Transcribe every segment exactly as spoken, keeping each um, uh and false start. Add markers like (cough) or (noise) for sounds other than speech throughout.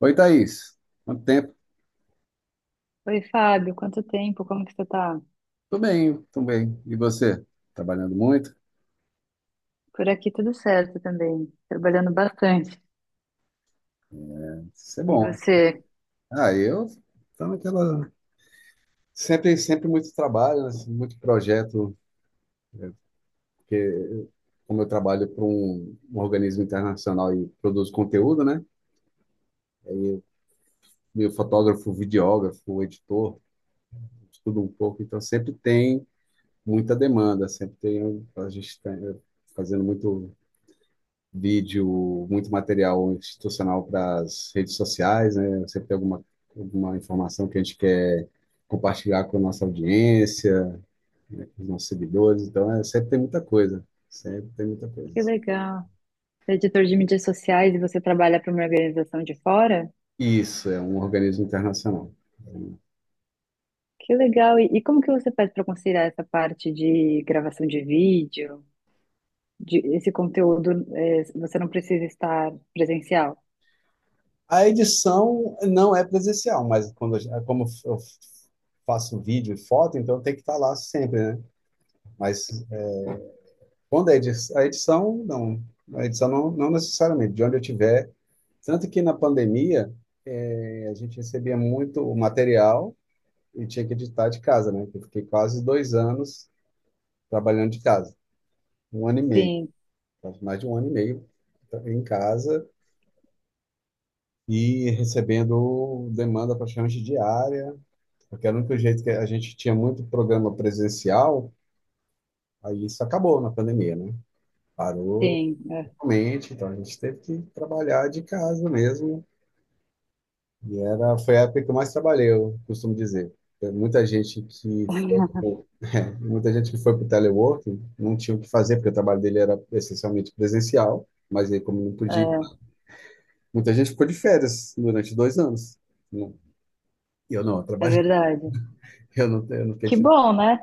Oi, Thaís. Quanto tempo? Oi, Fábio, quanto tempo? Como que você tá? Tô bem, tô bem. E você? Trabalhando muito? Por aqui tudo certo também, trabalhando bastante. Isso é E bom. você? Ah, eu tô naquela... Sempre, sempre muito trabalho, né? Muito projeto, porque como eu trabalho para um, um organismo internacional e produzo conteúdo, né? Meu fotógrafo, videógrafo, editor, estudo um pouco, então sempre tem muita demanda, sempre tem... A gente tá fazendo muito vídeo, muito material institucional para as redes sociais, né? Sempre tem alguma, alguma informação que a gente quer compartilhar com a nossa audiência, com os nossos seguidores. Então, é, sempre tem muita coisa. Sempre tem muita Que coisa. legal. Você é editor de mídias sociais e você trabalha para uma organização de fora? Isso, é um organismo internacional. Que legal. E, e como que você faz para conciliar essa parte de gravação de vídeo, de esse conteúdo, eh, você não precisa estar presencial? A edição não é presencial, mas quando, eu- como eu faço vídeo e foto, então tem que estar lá sempre, né? Mas quando a edição, a edição não, a edição não, não necessariamente, de onde eu tiver. Tanto que na pandemia, eh, a gente recebia muito material e tinha que editar de casa, né? Eu fiquei quase dois anos trabalhando de casa, um ano e meio, Sim, quase mais de um ano e meio em casa e recebendo demanda praticamente diária, porque era o único jeito que a gente tinha muito programa presencial, aí isso acabou na pandemia, né? Parou. sim. É, Realmente, então a gente teve que trabalhar de casa mesmo. E era, foi a época que eu mais trabalhei, eu costumo dizer. Tem muita gente que foi, (laughs) pro- Muita gente que foi para o teleworking não tinha o que fazer, porque o trabalho dele era essencialmente presencial, mas aí como não podia, é muita gente ficou de férias durante dois anos. Não, eu não, eu é trabalhei. verdade. (laughs) eu não, eu não fiquei de Que férias. bom, né?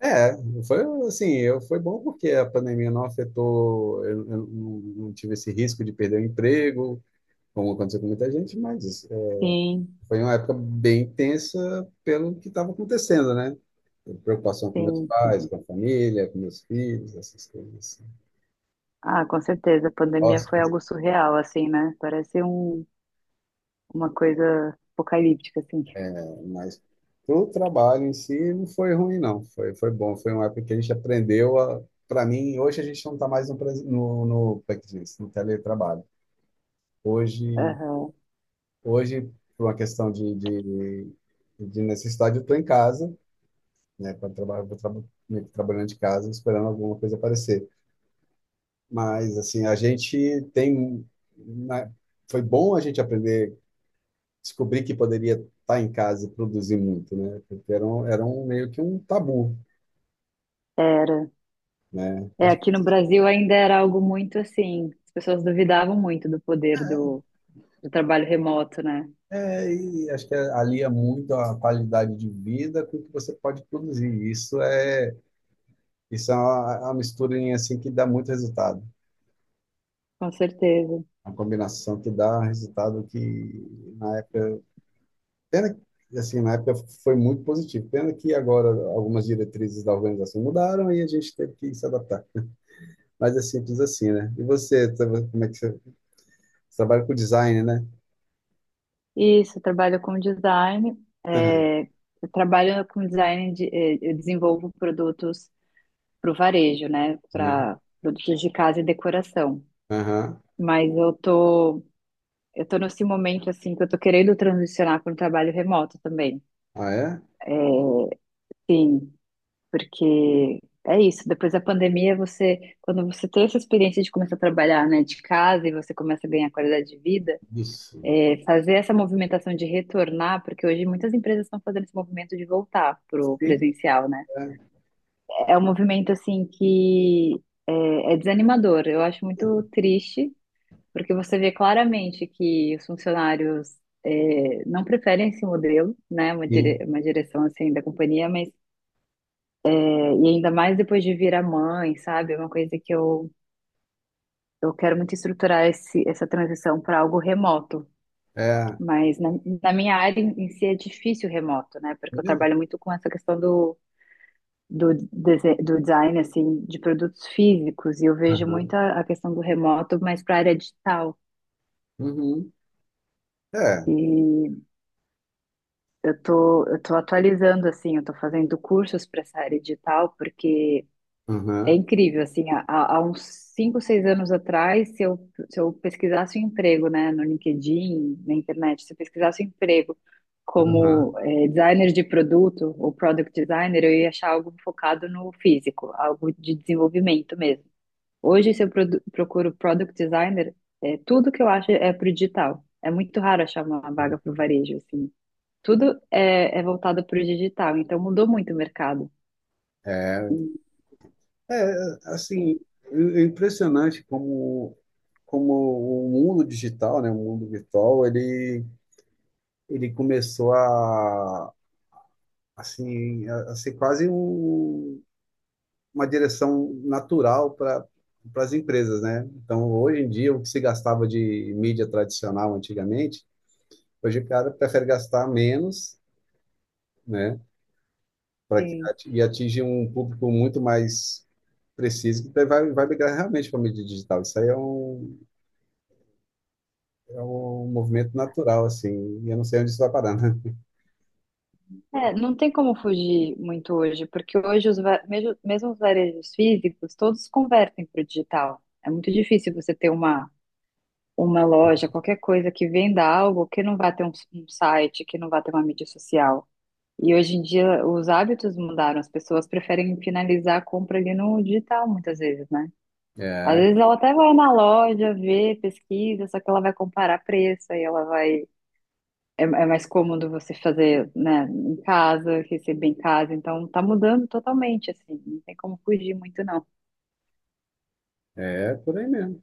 É, foi assim, eu, foi bom porque a pandemia não afetou, eu, eu não, não tive esse risco de perder o emprego, como aconteceu com muita gente. Mas Sim, foi uma época bem tensa pelo que estava acontecendo, né? Preocupação com meus sim. pais, com a família, com meus filhos, essas coisas assim. Ah, com certeza. A pandemia foi Hóspedes, né? algo surreal, assim, né? Parece um, uma coisa apocalíptica, assim. Mas o trabalho em si não foi ruim, não. Foi, foi bom. Foi uma época que a gente aprendeu a. Para mim, hoje a gente não está mais no, pres- no, no, como é que diz? No teletrabalho. Hoje, Aham. hoje, por uma questão de, de, de necessidade, eu estou em casa, né? Para trabalhar, vou traba- meio que trabalhando de casa, esperando alguma coisa aparecer. Mas, assim, a gente tem. Né, foi bom a gente aprender, descobrir que poderia estar em casa e produzir muito, né? Porque era um, era um meio que um tabu, Era. né? É, Acho, aqui no Brasil ainda era algo muito assim. As pessoas duvidavam muito do poder do, do trabalho remoto, né? é, e acho que alia muito a qualidade de vida com o que você pode produzir. Isso é, isso é uma, é uma misturinha assim que dá muito resultado. Com certeza. Uma combinação que dá resultado que na época. Pena que, assim, na época foi muito positivo. Pena que agora algumas diretrizes da organização mudaram e a gente teve que se adaptar. Mas é simples assim, né? E você, tra- como é que você, você trabalha com design, né? Isso, eu trabalho com design. Aham, É, eu trabalho com design, de, eh, eu desenvolvo produtos para o varejo, né? aham, Para produtos de casa e decoração. aham. Mas eu tô Eu tô nesse momento, assim, que eu tô querendo transicionar para um trabalho remoto também. Ah, é? Sim, porque é isso. Depois da pandemia, você, quando você tem essa experiência de começar a trabalhar, né, de casa e você começa a ganhar qualidade de vida, Isso. é, fazer essa movimentação de retornar, porque hoje muitas empresas estão fazendo esse movimento de voltar pro Sim, presencial, né? é. É um movimento, assim, que é, é desanimador. Eu acho muito triste porque você vê claramente que os funcionários eh, não preferem esse modelo, né? Uma, dire- Sim, uma direção assim da companhia, mas eh, e ainda mais depois de virar mãe, sabe? É uma coisa que eu, eu quero muito estruturar esse, essa transição para algo remoto. é. Mas na, na minha área em em si é difícil o remoto, né? Porque eu Mesmo? trabalho muito com essa questão do, do, dese- do design, assim, de produtos físicos, e eu vejo muito Aham, a, a questão do remoto, mas para a área digital. uhum. É, e Eu tô, eu tô atualizando, assim, eu tô fazendo cursos para essa área digital, porque é aham, incrível, assim, há, há há uns cinco, seis anos atrás, se eu, se eu pesquisasse um emprego, né, no LinkedIn, na internet, se eu pesquisasse um emprego aham. como eh, designer de produto ou product designer, eu ia achar algo focado no físico, algo de desenvolvimento mesmo. Hoje, se eu produ- procuro product designer, é, tudo que eu acho é pro digital. É muito raro achar uma vaga pro varejo, assim. Tudo é, é voltado para o digital, então mudou muito o mercado. É, é, assim, é impressionante como, como o mundo digital, né, o mundo virtual, ele ele começou a assim a, a ser quase um, uma direção natural para para as empresas, né? Então, hoje em dia, o que se gastava de mídia tradicional antigamente, hoje o cara prefere gastar menos, né? Para que Sim. Ati- e atinge um público muito mais preciso que daí vai, vai migrar realmente para a mídia digital. Isso aí é um, é um movimento natural, assim, e eu não sei onde isso vai parar, né? É, não tem como fugir muito hoje, porque hoje os va- mesmo, mesmo os varejos físicos, todos convertem para o digital. É muito difícil você ter uma, uma loja, qualquer coisa que venda algo que não vai ter um, um site, que não vai ter uma mídia social. E hoje em dia os hábitos mudaram, as pessoas preferem finalizar a compra ali no digital muitas vezes, né? Às É, vezes ela até vai na loja, vê, pesquisa, só que ela vai comparar preço, aí ela vai. É, é mais cômodo você fazer, né, em casa, receber em casa, então tá mudando totalmente, assim, não tem como fugir muito, não. é por aí mesmo.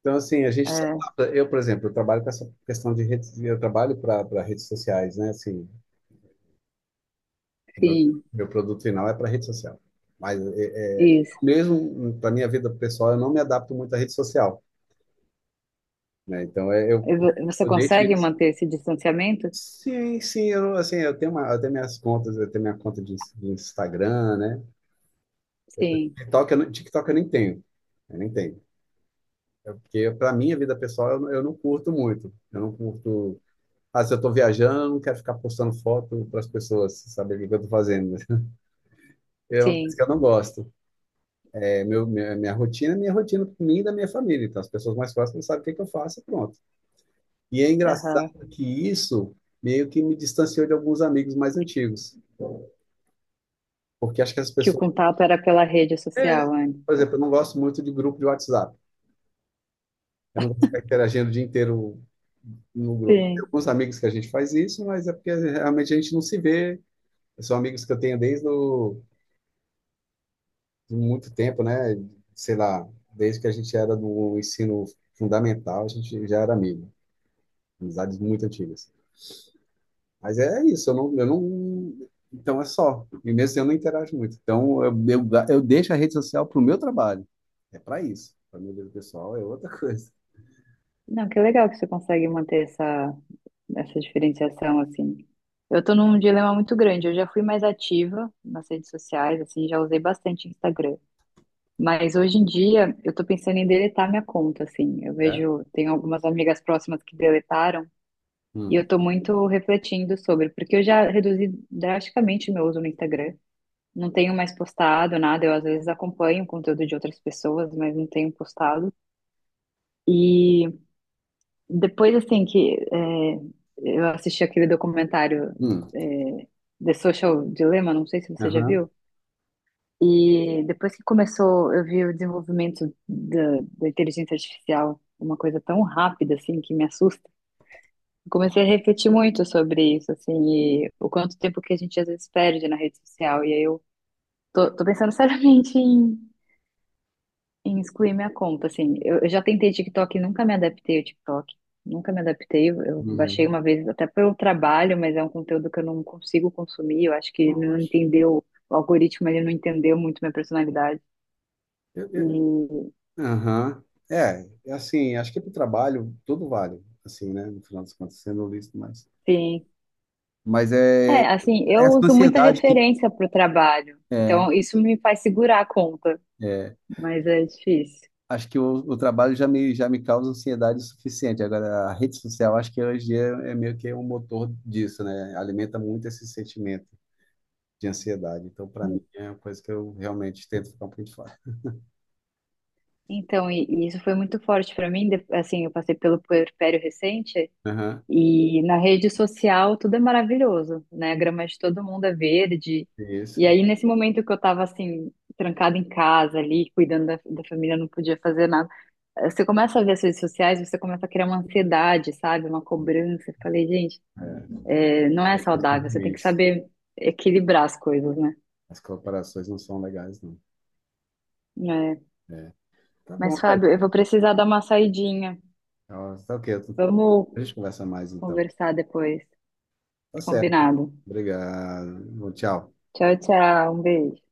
Então, assim, a gente se É, adapta. Eu, por exemplo, eu trabalho com essa questão de redes, eu trabalho para redes sociais, né? Assim, o meu, sim, meu produto final é para rede social. Mas é, é, isso. mesmo para minha vida pessoal, eu não me adapto muito à rede social, né? Então, é, eu, E vo- Você eu deixo consegue isso. manter esse distanciamento? Sim, sim, eu, assim, eu tenho uma, eu tenho minhas contas, eu tenho minha conta de, de Instagram, né? Sim, TikTok eu, não- TikTok eu nem tenho, eu nem tenho. É porque para minha vida pessoal eu, não- eu não curto muito. Eu não curto. Ah, se eu estou viajando, eu não quero ficar postando foto para as pessoas saberem o que eu estou fazendo, né? É uma coisa sim, que eu não gosto. É meu, minha, minha rotina é minha rotina para mim e da minha família. Então, as pessoas mais próximas sabem o que, que eu faço e pronto. E é aham. engraçado que isso meio que me distanciou de alguns amigos mais antigos. Porque acho que as Que o pessoas... contato era pela rede social antes. Por exemplo, eu não gosto muito de grupo de WhatsApp. Eu não gosto de ficar interagindo o dia inteiro no grupo. Tem Sim. alguns amigos que a gente faz isso, mas é porque realmente a gente não se vê. São amigos que eu tenho desde o de muito tempo, né? Sei lá, desde que a gente era do ensino fundamental, a gente já era amigo, amizades muito antigas. Mas é isso, eu não, eu não, então é só. E mesmo assim, eu não interajo muito. Então eu, eu, eu deixo a rede social para o meu trabalho. É para isso. Para minha vida pessoal é outra (laughs) coisa. Não, que legal que você consegue manter essa, essa diferenciação, assim. Eu tô num dilema muito grande, eu já fui mais ativa nas redes sociais, assim, já usei bastante Instagram. Mas hoje em dia eu tô pensando em deletar minha conta, assim. Eu É? vejo, tem algumas amigas próximas que deletaram e Hum. eu tô muito refletindo sobre, porque eu já reduzi drasticamente meu uso no Instagram. Não tenho mais postado nada, eu às vezes acompanho o conteúdo de outras pessoas, mas não tenho postado. E depois, assim, que é, eu assisti aquele documentário Hum. é, The Social Dilemma, não sei se você já Aham. viu. E depois que começou, eu vi o desenvolvimento da, da inteligência artificial, uma coisa tão rápida assim que me assusta. Eu comecei a refletir muito sobre isso, assim, e o quanto tempo que a gente às vezes perde na rede social. E aí eu tô, tô pensando (laughs) seriamente em, em excluir minha conta, assim. Eu, eu já tentei TikTok e nunca me adaptei ao TikTok. Nunca me adaptei. Eu eu baixei Uhum. uma vez até pelo trabalho, mas é um conteúdo que eu não consigo consumir. Eu acho que ele não Lógico. entendeu, o algoritmo ele não entendeu muito minha personalidade. Eu- eu- E Aham. É, é assim, acho que para o trabalho tudo vale, assim, né? No final das contas, sendo lícito, mas Sim. Mas é, é É, assim, eu essa uso muita ansiedade que referência para o trabalho, é, então isso me faz segurar a conta, é. mas é difícil. Acho que o, o trabalho já me, já me causa ansiedade o suficiente. Agora, a rede social, acho que hoje em dia é meio que um motor disso, né? Alimenta muito esse sentimento de ansiedade. Então, para mim, é uma coisa que eu realmente tento ficar um pouquinho de fora. Então, e, e isso foi muito forte para mim, de- assim, eu passei pelo puerpério recente Aham, e na rede social tudo é maravilhoso, né? A grama de todo mundo é verde. E isso. aí, nesse momento que eu tava, assim, trancada em casa ali, cuidando da, da família, não podia fazer nada, eh, você começa a ver as redes sociais, você começa a criar uma ansiedade, sabe? Uma cobrança. Eu falei, gente. Não é As coisas são saudável, você tem que ruins. saber equilibrar as coisas, né? As colaborações não são legais, não. É. É. Tá bom, Mas, tá aí. Fábio, eu vou precisar dar uma saidinha. Tá tá ok. Vamos A gente conversa mais, então. conversar depois. Tá certo. Combinado. Obrigado. Bom, tchau. Tchau, tchau. Um beijo.